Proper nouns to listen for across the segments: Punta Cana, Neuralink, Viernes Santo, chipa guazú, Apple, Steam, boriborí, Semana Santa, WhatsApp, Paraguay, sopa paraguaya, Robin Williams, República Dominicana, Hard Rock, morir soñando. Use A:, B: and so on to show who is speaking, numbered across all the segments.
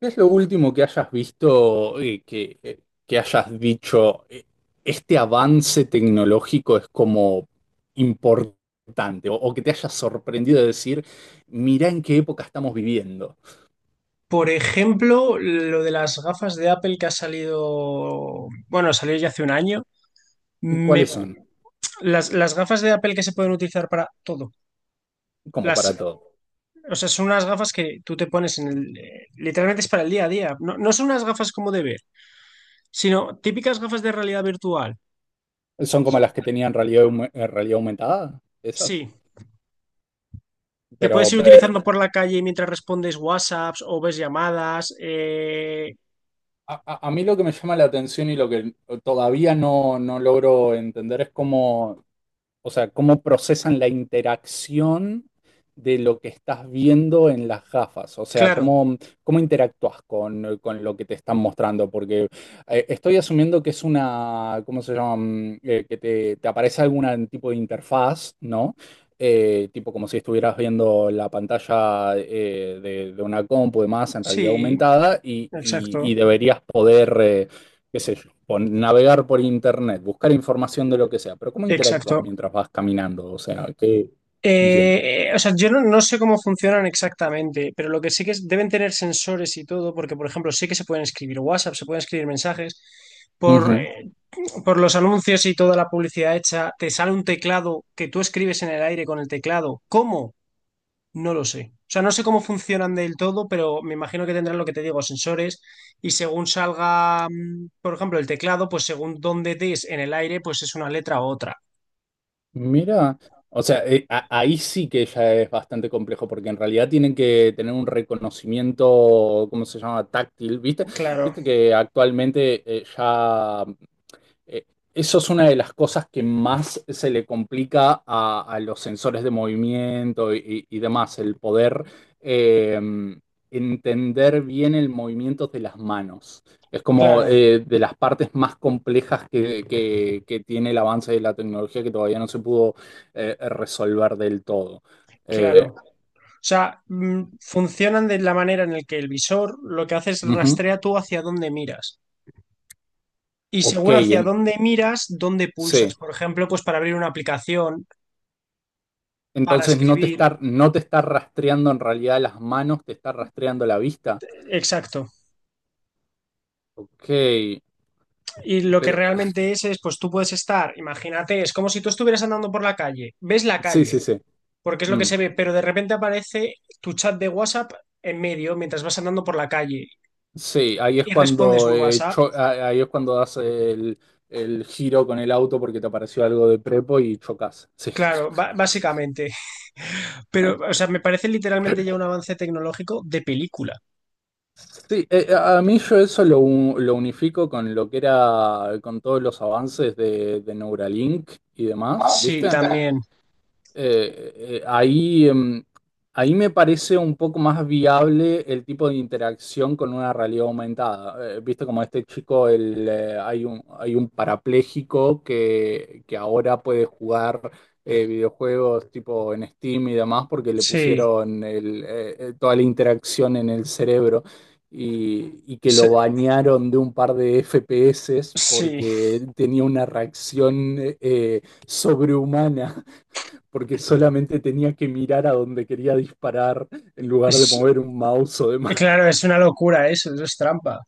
A: ¿Qué es lo último que hayas visto que hayas dicho, este avance tecnológico es como importante o que te haya sorprendido de decir, mirá en qué época estamos viviendo?
B: Por ejemplo, lo de las gafas de Apple que ha salido, bueno, salió ya hace un año. Me,
A: ¿Cuáles son?
B: las gafas de Apple que se pueden utilizar para todo.
A: Como para
B: Las,
A: todo.
B: o sea, son unas gafas que tú te pones en el... Literalmente es para el día a día. No, no son unas gafas como de ver, sino típicas gafas de realidad virtual.
A: ¿Son como las que tenían realidad, realidad aumentada? Esas.
B: Sí, que
A: Pero
B: puedes ir utilizando por la calle mientras respondes WhatsApps o ves llamadas.
A: a mí lo que me llama la atención y lo que todavía no logro entender es cómo, o sea, cómo procesan la interacción de lo que estás viendo en las gafas, o sea,
B: Claro,
A: cómo interactúas con lo que te están mostrando, porque estoy asumiendo que es una, ¿cómo se llama? Que te aparece algún tipo de interfaz, ¿no? Tipo como si estuvieras viendo la pantalla de una compu y demás en realidad
B: sí,
A: aumentada y
B: exacto,
A: y- deberías poder... qué sé yo, por navegar por internet, buscar información de lo que sea, pero ¿cómo interactúas
B: exacto.
A: mientras vas caminando? O sea, ¿qué funciona?
B: O sea, yo no, no sé cómo funcionan exactamente, pero lo que sí que es, deben tener sensores y todo, porque, por ejemplo, sé que se pueden escribir WhatsApp, se pueden escribir mensajes. Por,
A: Ujú.
B: eh, por los anuncios y toda la publicidad hecha, te sale un teclado que tú escribes en el aire con el teclado. ¿Cómo? No lo sé. O sea, no sé cómo funcionan del todo, pero me imagino que tendrán lo que te digo, sensores, y según salga, por ejemplo, el teclado, pues según dónde des en el aire, pues es una letra u otra.
A: Mira, o sea, ahí sí que ya es bastante complejo, porque en realidad tienen que tener un reconocimiento, ¿cómo se llama? Táctil, ¿viste?
B: Claro,
A: Viste que actualmente Eh, eso es una de las cosas que más se le complica a los sensores de movimiento y demás, el poder eh, entender bien el movimiento de las manos. Es como
B: claro,
A: de las partes más complejas que tiene el avance de la tecnología que todavía no se pudo resolver del todo. Eh,
B: claro. O sea, funcionan de la manera en el que el visor lo que hace es
A: ujú,
B: rastrea tú hacia dónde miras. Y
A: ok,
B: según hacia dónde miras, dónde pulsas.
A: sí.
B: Por ejemplo, pues para abrir una aplicación, para
A: Entonces no te
B: escribir.
A: está, no te está rastreando en realidad las manos, te está rastreando la vista.
B: Exacto.
A: Ok,
B: Y lo que
A: pero
B: realmente es, pues tú puedes estar, imagínate, es como si tú estuvieras andando por la calle. Ves la
A: sí,
B: calle,
A: sí, sí.
B: porque es lo que
A: Mm.
B: se ve, pero de repente aparece tu chat de WhatsApp en medio mientras vas andando por la calle
A: Sí, ahí es
B: y respondes
A: cuando
B: un WhatsApp.
A: ahí es cuando das el giro con el auto porque te apareció algo de prepo y chocas. Sí.
B: Claro, básicamente. Pero, o sea, me parece literalmente ya un avance tecnológico de película.
A: Sí, a mí yo eso lo, lo unifico con lo que era, con todos los avances de Neuralink y
B: Ah,
A: demás,
B: sí, ¿viste?
A: ¿viste?
B: También.
A: Eh, eh, ahí, em, ahí me parece un poco más viable el tipo de interacción con una realidad aumentada. Viste como este chico, hay un parapléjico que ahora puede jugar videojuegos tipo en Steam y demás porque le
B: Sí.
A: pusieron toda la interacción en el cerebro. Y que
B: Sí,
A: lo bañaron de un par de FPS
B: sí.
A: porque él tenía una reacción sobrehumana porque solamente tenía que mirar a donde quería disparar en lugar de
B: Es-
A: mover un mouse o demás.
B: claro, es una locura eso, eso es trampa.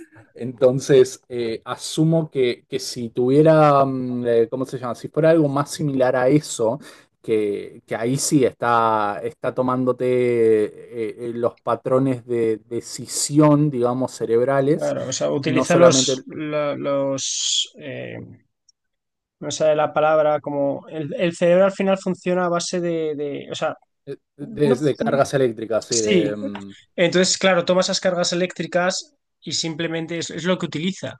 A: Entonces, asumo que, si tuviera, ¿cómo se llama? Si fuera algo más similar a eso, que ahí sí está, está tomándote los patrones de decisión, digamos, cerebrales,
B: Claro, o sea,
A: no
B: utiliza los,
A: solamente
B: lo- los, eh, no sé la palabra, como el cerebro al final funciona a base de, o sea, no,
A: de
B: fun-
A: cargas eléctricas, sí,
B: sí.
A: de... mm,
B: Entonces, claro, toma esas cargas eléctricas y simplemente es lo que utiliza.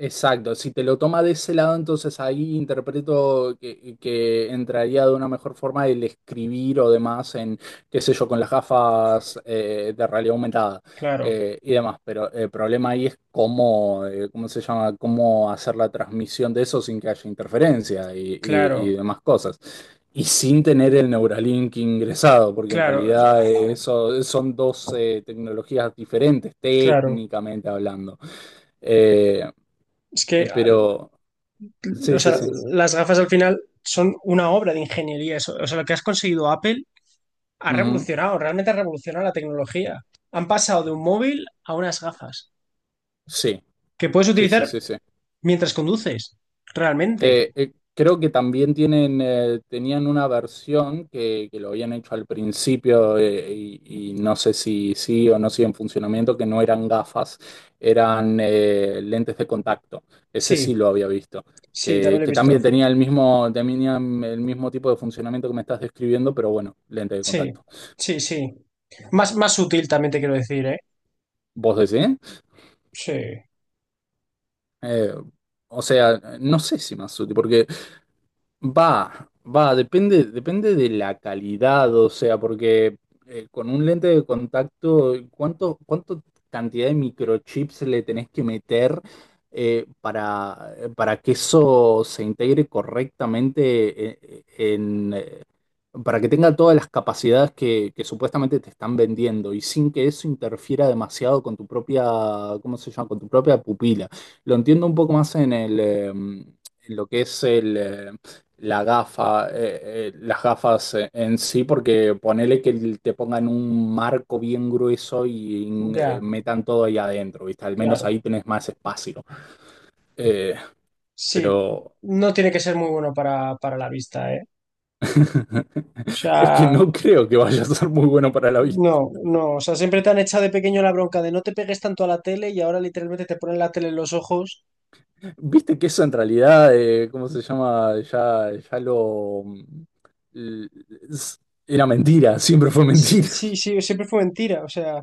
A: exacto, si te lo toma de ese lado, entonces ahí interpreto que entraría de una mejor forma el escribir o demás en, qué sé yo, con las gafas de realidad aumentada
B: Claro,
A: y demás. Pero el problema ahí es cómo, ¿cómo se llama? Cómo hacer la transmisión de eso sin que haya interferencia y y-
B: claro,
A: demás cosas. Y sin tener el Neuralink ingresado, porque en
B: claro, o sea,
A: realidad eso, son dos tecnologías diferentes,
B: claro.
A: técnicamente hablando. Eh,
B: Es que
A: pero,
B: O
A: sí, sí,
B: sea,
A: sí.
B: las gafas al final son una obra de ingeniería. O sea, lo que has conseguido Apple ha
A: Ujú.
B: revolucionado, realmente ha revolucionado la tecnología. Han pasado de un móvil a unas gafas
A: Sí,
B: que puedes
A: sí, sí,
B: utilizar
A: sí, sí.
B: mientras conduces, realmente.
A: Creo que también tienen, tenían una versión que lo habían hecho al principio y no sé si sí o no sigue en funcionamiento, que no eran gafas, eran lentes de contacto. Ese sí
B: Sí,
A: lo había visto.
B: sí, también lo he
A: Que
B: visto.
A: también tenía el mismo, tenían el mismo tipo de funcionamiento que me estás describiendo, pero bueno, lente de
B: Sí,
A: contacto.
B: sí, sí. Más, más útil también te quiero decir, ¿eh?
A: ¿Vos decís?
B: Sí,
A: Eh, o sea, no sé si más útil, porque va, va, depende, depende de la calidad, o sea, porque con un lente de contacto, ¿cuánto cantidad de microchips le tenés que meter para que eso se integre correctamente en, eh, para que tenga todas las capacidades que supuestamente te están vendiendo y sin que eso interfiera demasiado con tu propia, ¿cómo se llama? Con tu propia pupila. Lo entiendo un poco más en el, en lo que es el... la gafa, las gafas en sí, porque ponele que te pongan un marco bien grueso y
B: ya,
A: metan todo ahí adentro, ¿viste? Al menos
B: claro.
A: ahí tenés más espacio. Eh,
B: Sí,
A: pero
B: no tiene que ser muy bueno para la vista, ¿eh? O
A: es que
B: sea...
A: no creo que vaya a ser muy bueno para la vista.
B: No, no, o sea, siempre te han echado de pequeño la bronca de no te pegues tanto a la tele y ahora literalmente te ponen la tele en los ojos.
A: Viste que eso en realidad, ¿cómo se llama? Ya, ya lo... l- s- era mentira, siempre fue
B: Sí,
A: mentira.
B: sí, sí, siempre fue mentira, o sea,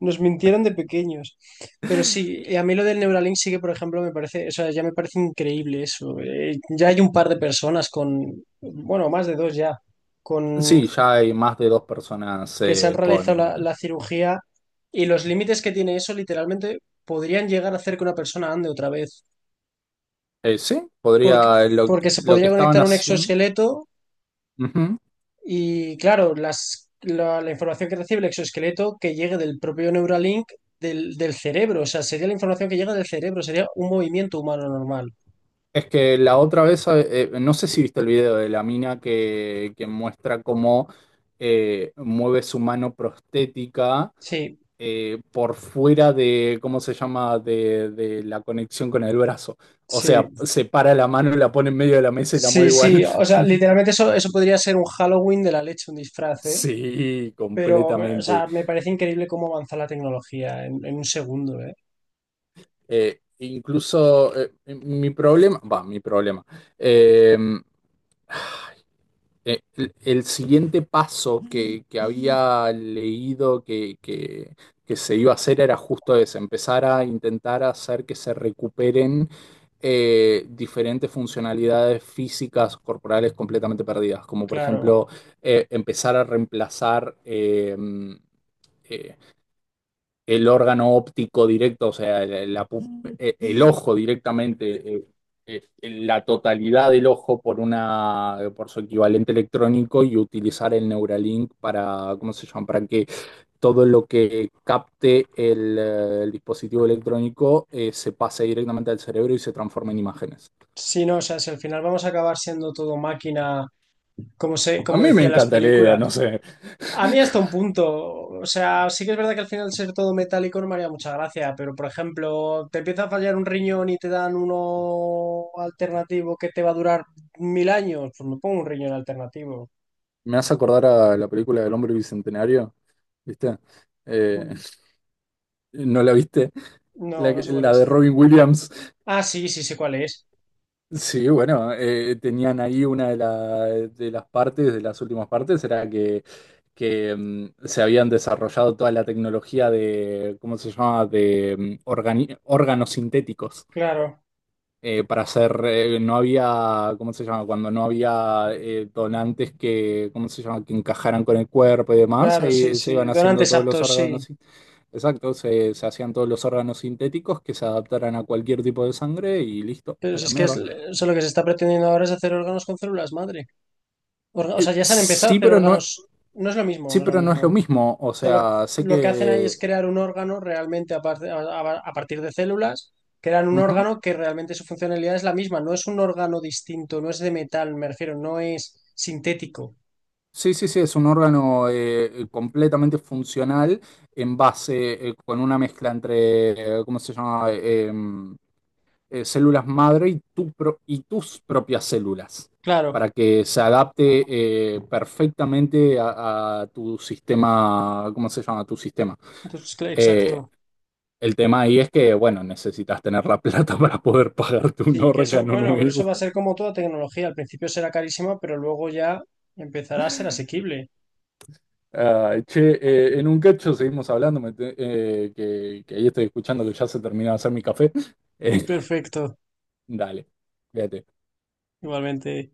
B: nos mintieron de pequeños. Pero sí, a mí lo del Neuralink sí que, por ejemplo, me parece, o sea, ya me parece increíble eso. Ya hay un par de personas con, bueno, más de dos ya, con
A: Sí, ya hay más de dos personas
B: que se han realizado
A: con
B: la, la cirugía y los límites que tiene eso literalmente podrían llegar a hacer que una persona ande otra vez.
A: Sí,
B: Porque,
A: podría.
B: porque se
A: Lo que
B: podría
A: estaban
B: conectar un
A: haciendo.
B: exoesqueleto.
A: Ujú.
B: Y claro, la información que recibe el exoesqueleto que llegue del propio Neuralink del, del cerebro, o sea, sería la información que llega del cerebro, sería un movimiento humano normal.
A: Es que la otra vez, no sé si viste el video de la mina que muestra cómo mueve su mano prostética
B: Sí,
A: por fuera de, ¿cómo se llama?, de la conexión con el brazo. O
B: sí,
A: sea, separa la mano, la pone en medio de la mesa y la mueve
B: sí, sí,
A: igual.
B: o sea, literalmente eso, eso podría ser un Halloween de la leche, un disfraz, ¿eh?
A: Sí,
B: Pero, o
A: completamente.
B: sea, me parece increíble cómo avanza la tecnología en un segundo, ¿eh?
A: Incluso mi problema, va, mi problema. Eh, el siguiente paso que había leído que se iba a hacer era justo ese, empezar a intentar hacer que se recuperen diferentes funcionalidades físicas corporales completamente perdidas, como por
B: Claro.
A: ejemplo empezar a reemplazar eh, el órgano óptico directo, o sea, la el- ojo directamente, la totalidad del ojo por una, por su equivalente electrónico y utilizar el Neuralink para, ¿cómo se llama? Para que todo lo que capte el dispositivo electrónico se pase directamente al cerebro y se transforme en imágenes.
B: Sí, no, o sea, si al final vamos a acabar siendo todo máquina, como se,
A: A
B: como
A: mí me
B: decían las
A: encanta la idea,
B: películas.
A: no sé.
B: A mí hasta un punto. O sea, sí que es verdad que al final ser todo metálico no me haría mucha gracia, pero por ejemplo, te empieza a fallar un riñón y te dan uno alternativo que te va a durar mil años, pues me pongo un riñón alternativo.
A: Me hace acordar a la película del hombre bicentenario, ¿viste? Eh, ¿no la viste?
B: No, no sé cuál
A: La
B: es.
A: de Robin Williams.
B: Ah, sí, sí, sé cuál es.
A: Sí, bueno, tenían ahí una de, de las partes, de las últimas partes, era que, se habían desarrollado toda la tecnología de, ¿cómo se llama?, de órganos sintéticos
B: Claro,
A: para hacer, no había, ¿cómo se llama?, cuando no había donantes ¿cómo se llama?, que encajaran con el cuerpo y demás,
B: claro, sí,
A: se
B: sí.
A: iban haciendo
B: Donantes
A: todos los
B: aptos, sí.
A: órganos, exacto, se hacían todos los órganos sintéticos que se adaptaran a cualquier tipo de sangre y listo,
B: Pero
A: a
B: si
A: la
B: es que es,
A: mierda.
B: o sea, lo que se está pretendiendo ahora es hacer órganos con células madre. O
A: Eh,
B: sea, ya se han empezado a
A: sí,
B: hacer
A: pero no,
B: órganos. No es lo mismo,
A: sí,
B: no es lo
A: pero no es
B: mismo.
A: lo mismo. O
B: Sea,
A: sea, sé
B: lo que hacen ahí es
A: que...
B: crear un órgano realmente a, a partir de células, crean un
A: ujú.
B: órgano que realmente su funcionalidad es la misma, no es un órgano distinto, no es de metal, me refiero, no es sintético.
A: Sí, sí, sí, es un órgano completamente funcional en base, con una mezcla entre, ¿cómo se llama? Células madre y, y tus propias células,
B: Claro,
A: para que se adapte perfectamente a tu sistema, ¿cómo se llama? Tu sistema.
B: entonces,
A: Eh,
B: exacto.
A: el tema ahí es que, bueno, necesitas tener la plata para poder pagarte un
B: Sí, que eso,
A: órgano
B: bueno, pero eso va a
A: nuevo.
B: ser como toda tecnología, al principio será carísima, pero luego ya empezará a ser asequible.
A: Ah, che, en un cacho seguimos hablando, que ahí estoy escuchando que ya se terminó de hacer mi café. Eh,
B: Perfecto,
A: dale, fíjate.
B: igualmente.